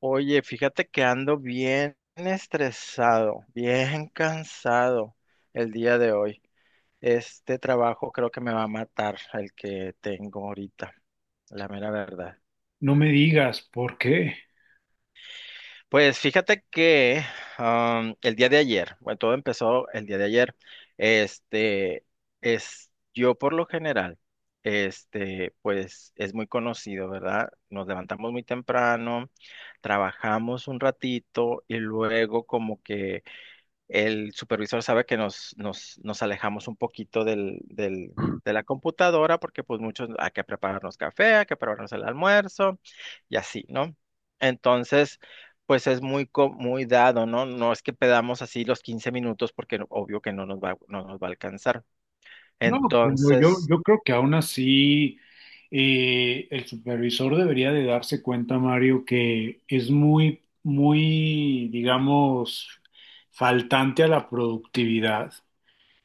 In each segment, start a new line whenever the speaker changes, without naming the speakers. Oye, fíjate que ando bien estresado, bien cansado el día de hoy. Este trabajo creo que me va a matar el que tengo ahorita, la mera verdad.
No me digas por qué.
Pues fíjate que el día de ayer, bueno, todo empezó el día de ayer. Este es yo por lo general, pues es muy conocido, ¿verdad? Nos levantamos muy temprano, trabajamos un ratito y luego como que el supervisor sabe que nos alejamos un poquito del de la computadora porque pues muchos hay que prepararnos café, hay que prepararnos el almuerzo y así, ¿no? Entonces, pues es muy, muy dado, ¿no? No es que pedamos así los 15 minutos porque obvio que no nos va a alcanzar.
No, bueno, yo,
Entonces,
yo creo que aún así el supervisor debería de darse cuenta, Mario, que es muy, muy, digamos, faltante a la productividad.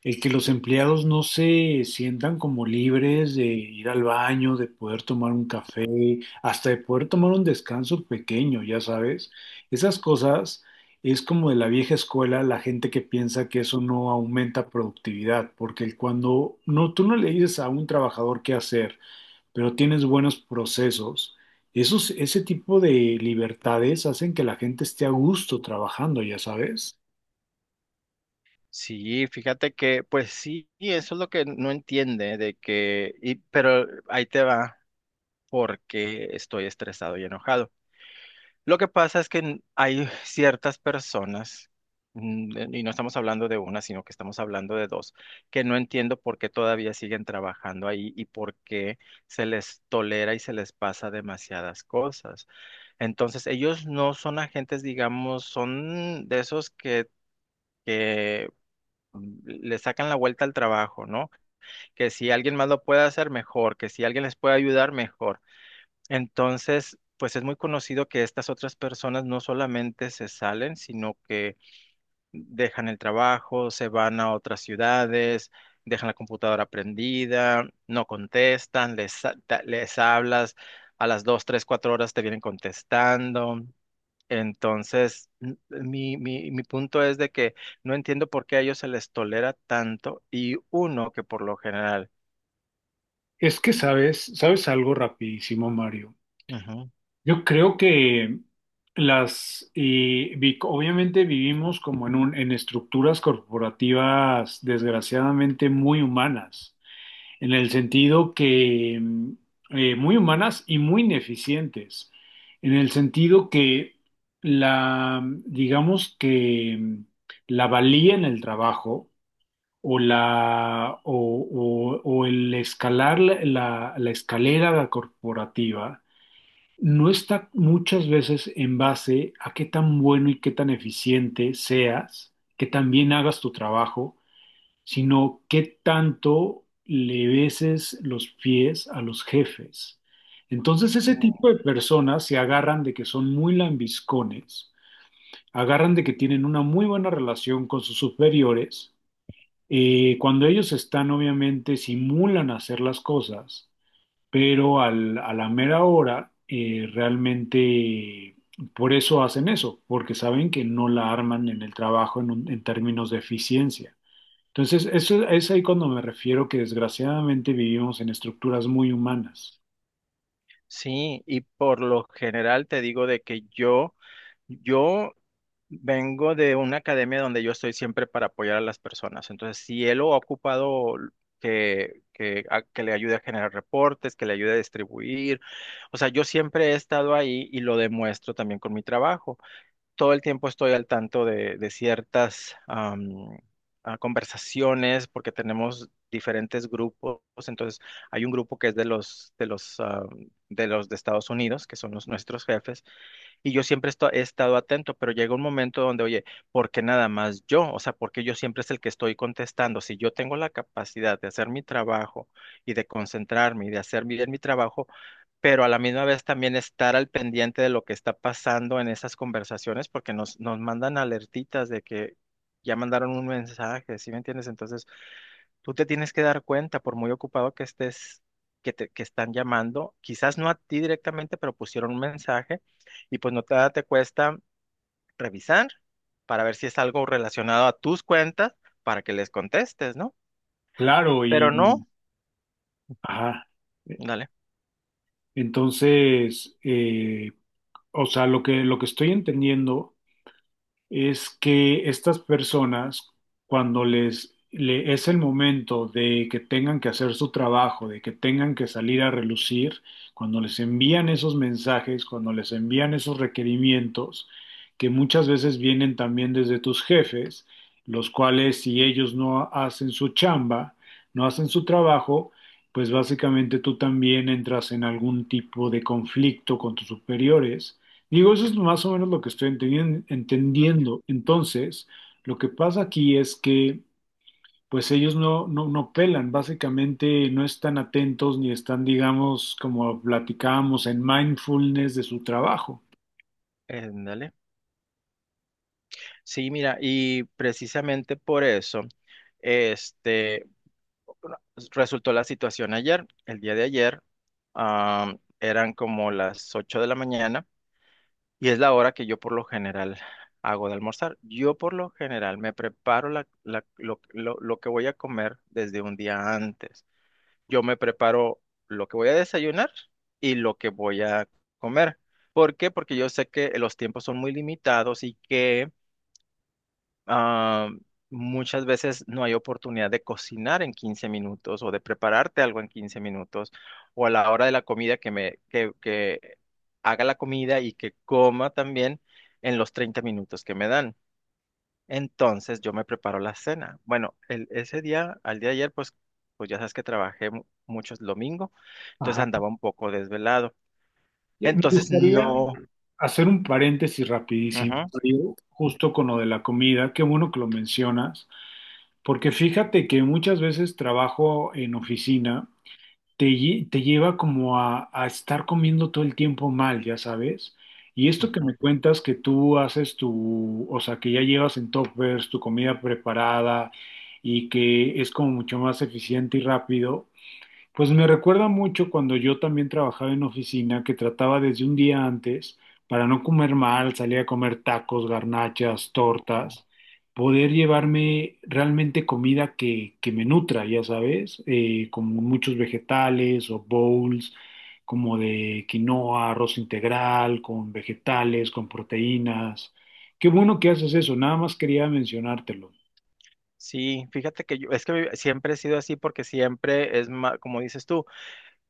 El que los empleados no se sientan como libres de ir al baño, de poder tomar un café, hasta de poder tomar un descanso pequeño, ya sabes. Esas cosas es como de la vieja escuela, la gente que piensa que eso no aumenta productividad, porque cuando no, tú no le dices a un trabajador qué hacer, pero tienes buenos procesos, ese tipo de libertades hacen que la gente esté a gusto trabajando, ya sabes.
sí, fíjate que, pues sí, y eso es lo que no entiende de que, pero ahí te va porque estoy estresado y enojado. Lo que pasa es que hay ciertas personas, y no estamos hablando de una, sino que estamos hablando de dos, que no entiendo por qué todavía siguen trabajando ahí y por qué se les tolera y se les pasa demasiadas cosas. Entonces, ellos no son agentes, digamos, son de esos que le sacan la vuelta al trabajo, ¿no? Que si alguien más lo puede hacer, mejor, que si alguien les puede ayudar, mejor. Entonces, pues es muy conocido que estas otras personas no solamente se salen, sino que dejan el trabajo, se van a otras ciudades, dejan la computadora prendida, no contestan, les hablas, a las dos, tres, cuatro horas te vienen contestando. Entonces, mi punto es de que no entiendo por qué a ellos se les tolera tanto y uno que por lo general.
Es que sabes, sabes algo rapidísimo, Mario. Yo creo que obviamente vivimos como en estructuras corporativas desgraciadamente muy humanas, en el sentido que muy humanas y muy ineficientes, en el sentido que digamos que la valía en el trabajo o la, o, o el escalar la escalera corporativa no está muchas veces en base a qué tan bueno y qué tan eficiente seas, que también hagas tu trabajo, sino qué tanto le beses los pies a los jefes. Entonces ese tipo
Ujú.
de personas se agarran de que son muy lambiscones, agarran de que tienen una muy buena relación con sus superiores. Cuando ellos están, obviamente, simulan hacer las cosas, pero a la mera hora realmente por eso hacen eso, porque saben que no la arman en el trabajo en términos de eficiencia. Entonces, eso es ahí cuando me refiero que desgraciadamente vivimos en estructuras muy humanas.
Sí, y por lo general te digo de que yo vengo de una academia donde yo estoy siempre para apoyar a las personas. Entonces, si él lo ha ocupado que le ayude a generar reportes, que le ayude a distribuir, o sea, yo siempre he estado ahí y lo demuestro también con mi trabajo. Todo el tiempo estoy al tanto de ciertas conversaciones porque tenemos diferentes grupos. Entonces, hay un grupo que es de de los de Estados Unidos, que son los nuestros jefes, y yo siempre he estado atento, pero llega un momento donde, oye, ¿por qué nada más yo? O sea, ¿por qué yo siempre es el que estoy contestando? Si yo tengo la capacidad de hacer mi trabajo y de concentrarme y de hacer bien mi trabajo, pero a la misma vez también estar al pendiente de lo que está pasando en esas conversaciones, porque nos mandan alertitas de que ya mandaron un mensaje, ¿sí me entiendes? Entonces, tú te tienes que dar cuenta, por muy ocupado que estés, que están llamando, quizás no a ti directamente, pero pusieron un mensaje y pues no te, te cuesta revisar para ver si es algo relacionado a tus cuentas para que les contestes, ¿no?
Claro, y
Pero no,
ajá. E,
dale,
Entonces, o sea, lo que estoy entendiendo es que estas personas, cuando es el momento de que tengan que hacer su trabajo, de que tengan que salir a relucir, cuando les envían esos mensajes, cuando les envían esos requerimientos, que muchas veces vienen también desde tus jefes, los cuales si ellos no hacen su chamba, no hacen su trabajo, pues básicamente tú también entras en algún tipo de conflicto con tus superiores. Digo, eso es más o menos lo que estoy entendiendo. Entonces, lo que pasa aquí es que, pues ellos no pelan, básicamente no están atentos ni están, digamos, como platicábamos, en mindfulness de su trabajo.
dale. Sí, mira, y precisamente por eso, este, bueno, resultó la situación ayer, el día de ayer, eran como las 8 de la mañana y es la hora que yo por lo general hago de almorzar. Yo por lo general me preparo lo que voy a comer desde un día antes. Yo me preparo lo que voy a desayunar y lo que voy a comer. ¿Por qué? Porque yo sé que los tiempos son muy limitados y que Ah, muchas veces no hay oportunidad de cocinar en 15 minutos o de prepararte algo en 15 minutos o a la hora de la comida que haga la comida y que coma también en los 30 minutos que me dan. Entonces yo me preparo la cena. Bueno, ese día, al día de ayer, pues, pues ya sabes que trabajé mucho el domingo, entonces
Ajá.
andaba un poco desvelado.
Me
Entonces
gustaría
no.
hacer un paréntesis rapidísimo,
Ujú,
Mario, justo con lo de la comida. Qué bueno que lo mencionas, porque fíjate que muchas veces trabajo en oficina. Te lleva como a estar comiendo todo el tiempo mal, ya sabes. Y esto que me
ujú,
cuentas que tú haces tu, o sea, que ya llevas en toppers tu comida preparada y que es como mucho más eficiente y rápido, pues me recuerda mucho cuando yo también trabajaba en oficina, que trataba desde un día antes, para no comer mal, salía a comer tacos, garnachas,
ujú.
tortas, poder llevarme realmente comida que me nutra, ya sabes, como muchos vegetales o bowls, como de quinoa, arroz integral, con vegetales, con proteínas. Qué bueno que haces eso, nada más quería mencionártelo.
Sí, fíjate que yo, es que siempre he sido así porque siempre es más, como dices tú,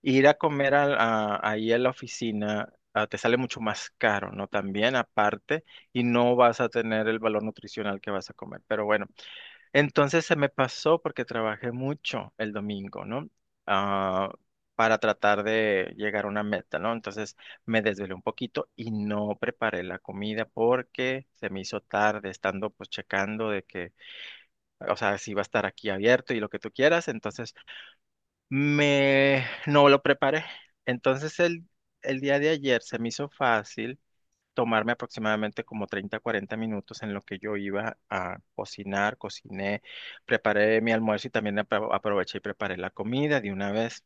ir a comer ahí a la oficina te sale mucho más caro, ¿no? También aparte, y no vas a tener el valor nutricional que vas a comer. Pero bueno, entonces se me pasó porque trabajé mucho el domingo, ¿no? Ah, para tratar de llegar a una meta, ¿no? Entonces me desvelé un poquito y no preparé la comida porque se me hizo tarde estando pues checando de que, o sea, si va a estar aquí abierto y lo que tú quieras, entonces me no lo preparé. Entonces el día de ayer se me hizo fácil tomarme aproximadamente como 30, 40 minutos en lo que yo iba a cocinar, cociné, preparé mi almuerzo y también aproveché y preparé la comida de una vez.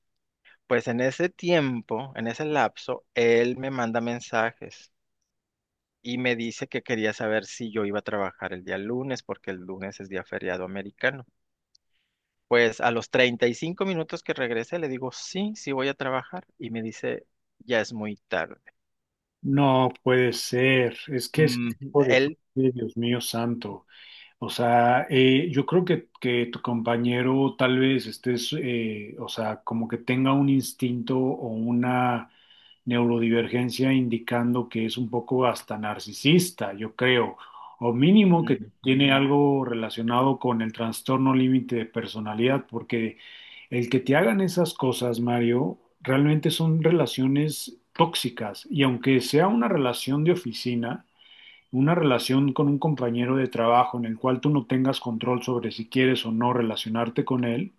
Pues en ese tiempo, en ese lapso, él me manda mensajes y me dice que quería saber si yo iba a trabajar el día lunes, porque el lunes es día feriado americano. Pues a los 35 minutos que regresé le digo, sí, sí voy a trabajar y me dice, ya es muy tarde.
No puede ser, es que ese
Mm,
tipo de
él,
gente, Dios mío santo. O sea, yo creo que tu compañero tal vez estés, o sea, como que tenga un instinto o una neurodivergencia indicando que es un poco hasta narcisista, yo creo, o mínimo que tiene
ujú.
algo relacionado con el trastorno límite de personalidad, porque el que te hagan esas cosas, Mario, realmente son relaciones tóxicas y aunque sea una relación de oficina, una relación con un compañero de trabajo en el cual tú no tengas control sobre si quieres o no relacionarte con él,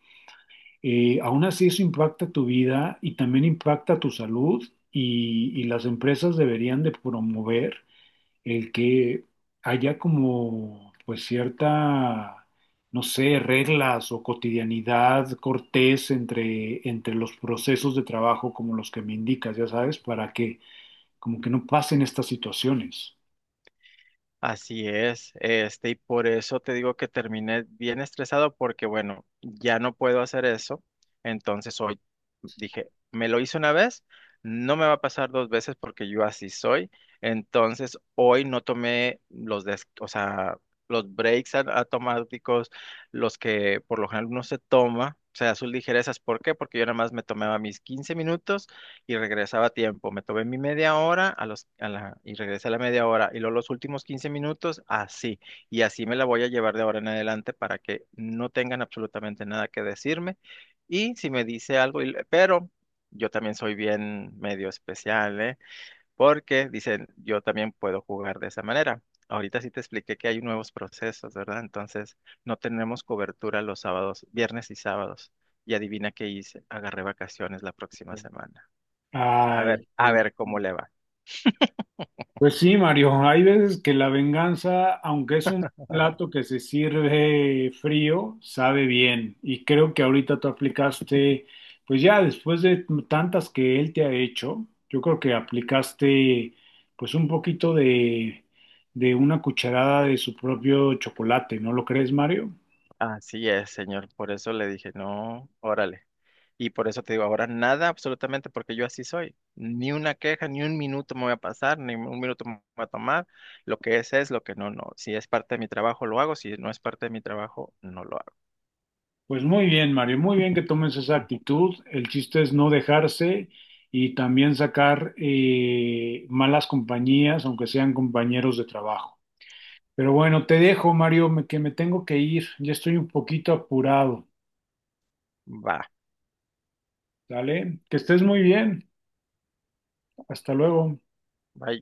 aún así eso impacta tu vida y también impacta tu salud y las empresas deberían de promover el que haya como pues cierta, no sé, reglas o cotidianidad cortés entre los procesos de trabajo como los que me indicas, ya sabes, para que como que no pasen estas situaciones.
Así es, este, y por eso te digo que terminé bien estresado porque, bueno, ya no puedo hacer eso. Entonces hoy dije, me lo hice una vez, no me va a pasar dos veces porque yo así soy. Entonces hoy no tomé los o sea, los breaks automáticos, los que por lo general uno se toma, o sea, sus ligerezas. ¿Por qué? Porque yo nada más me tomaba mis 15 minutos y regresaba a tiempo. Me tomé mi media hora a los, a la- y regresé a la media hora. Y luego los últimos 15 minutos, así. Y así me la voy a llevar de ahora en adelante para que no tengan absolutamente nada que decirme. Y si me dice algo, pero yo también soy bien medio especial, ¿eh? Porque dicen, yo también puedo jugar de esa manera. Ahorita sí te expliqué que hay nuevos procesos, ¿verdad? Entonces, no tenemos cobertura los sábados, viernes y sábados. Y adivina qué hice, agarré vacaciones la próxima semana.
Ay,
A
sí.
ver cómo le va.
Pues sí, Mario, hay veces que la venganza, aunque es un plato que se sirve frío, sabe bien. Y creo que ahorita tú aplicaste, pues ya después de tantas que él te ha hecho, yo creo que aplicaste pues un poquito de una cucharada de su propio chocolate, ¿no lo crees, Mario?
Así es, señor. Por eso le dije, no, órale. Y por eso te digo, ahora nada, absolutamente, porque yo así soy. Ni una queja, ni un minuto me voy a pasar, ni un minuto me voy a tomar. Lo que es, lo que no, no. Si es parte de mi trabajo, lo hago. Si no es parte de mi trabajo, no lo hago.
Pues muy bien, Mario, muy bien que tomes esa actitud. El chiste es no dejarse y también sacar malas compañías, aunque sean compañeros de trabajo. Pero bueno, te dejo, Mario, que me tengo que ir. Ya estoy un poquito apurado.
Va,
¿Dale? Que estés muy bien. Hasta luego.
bye.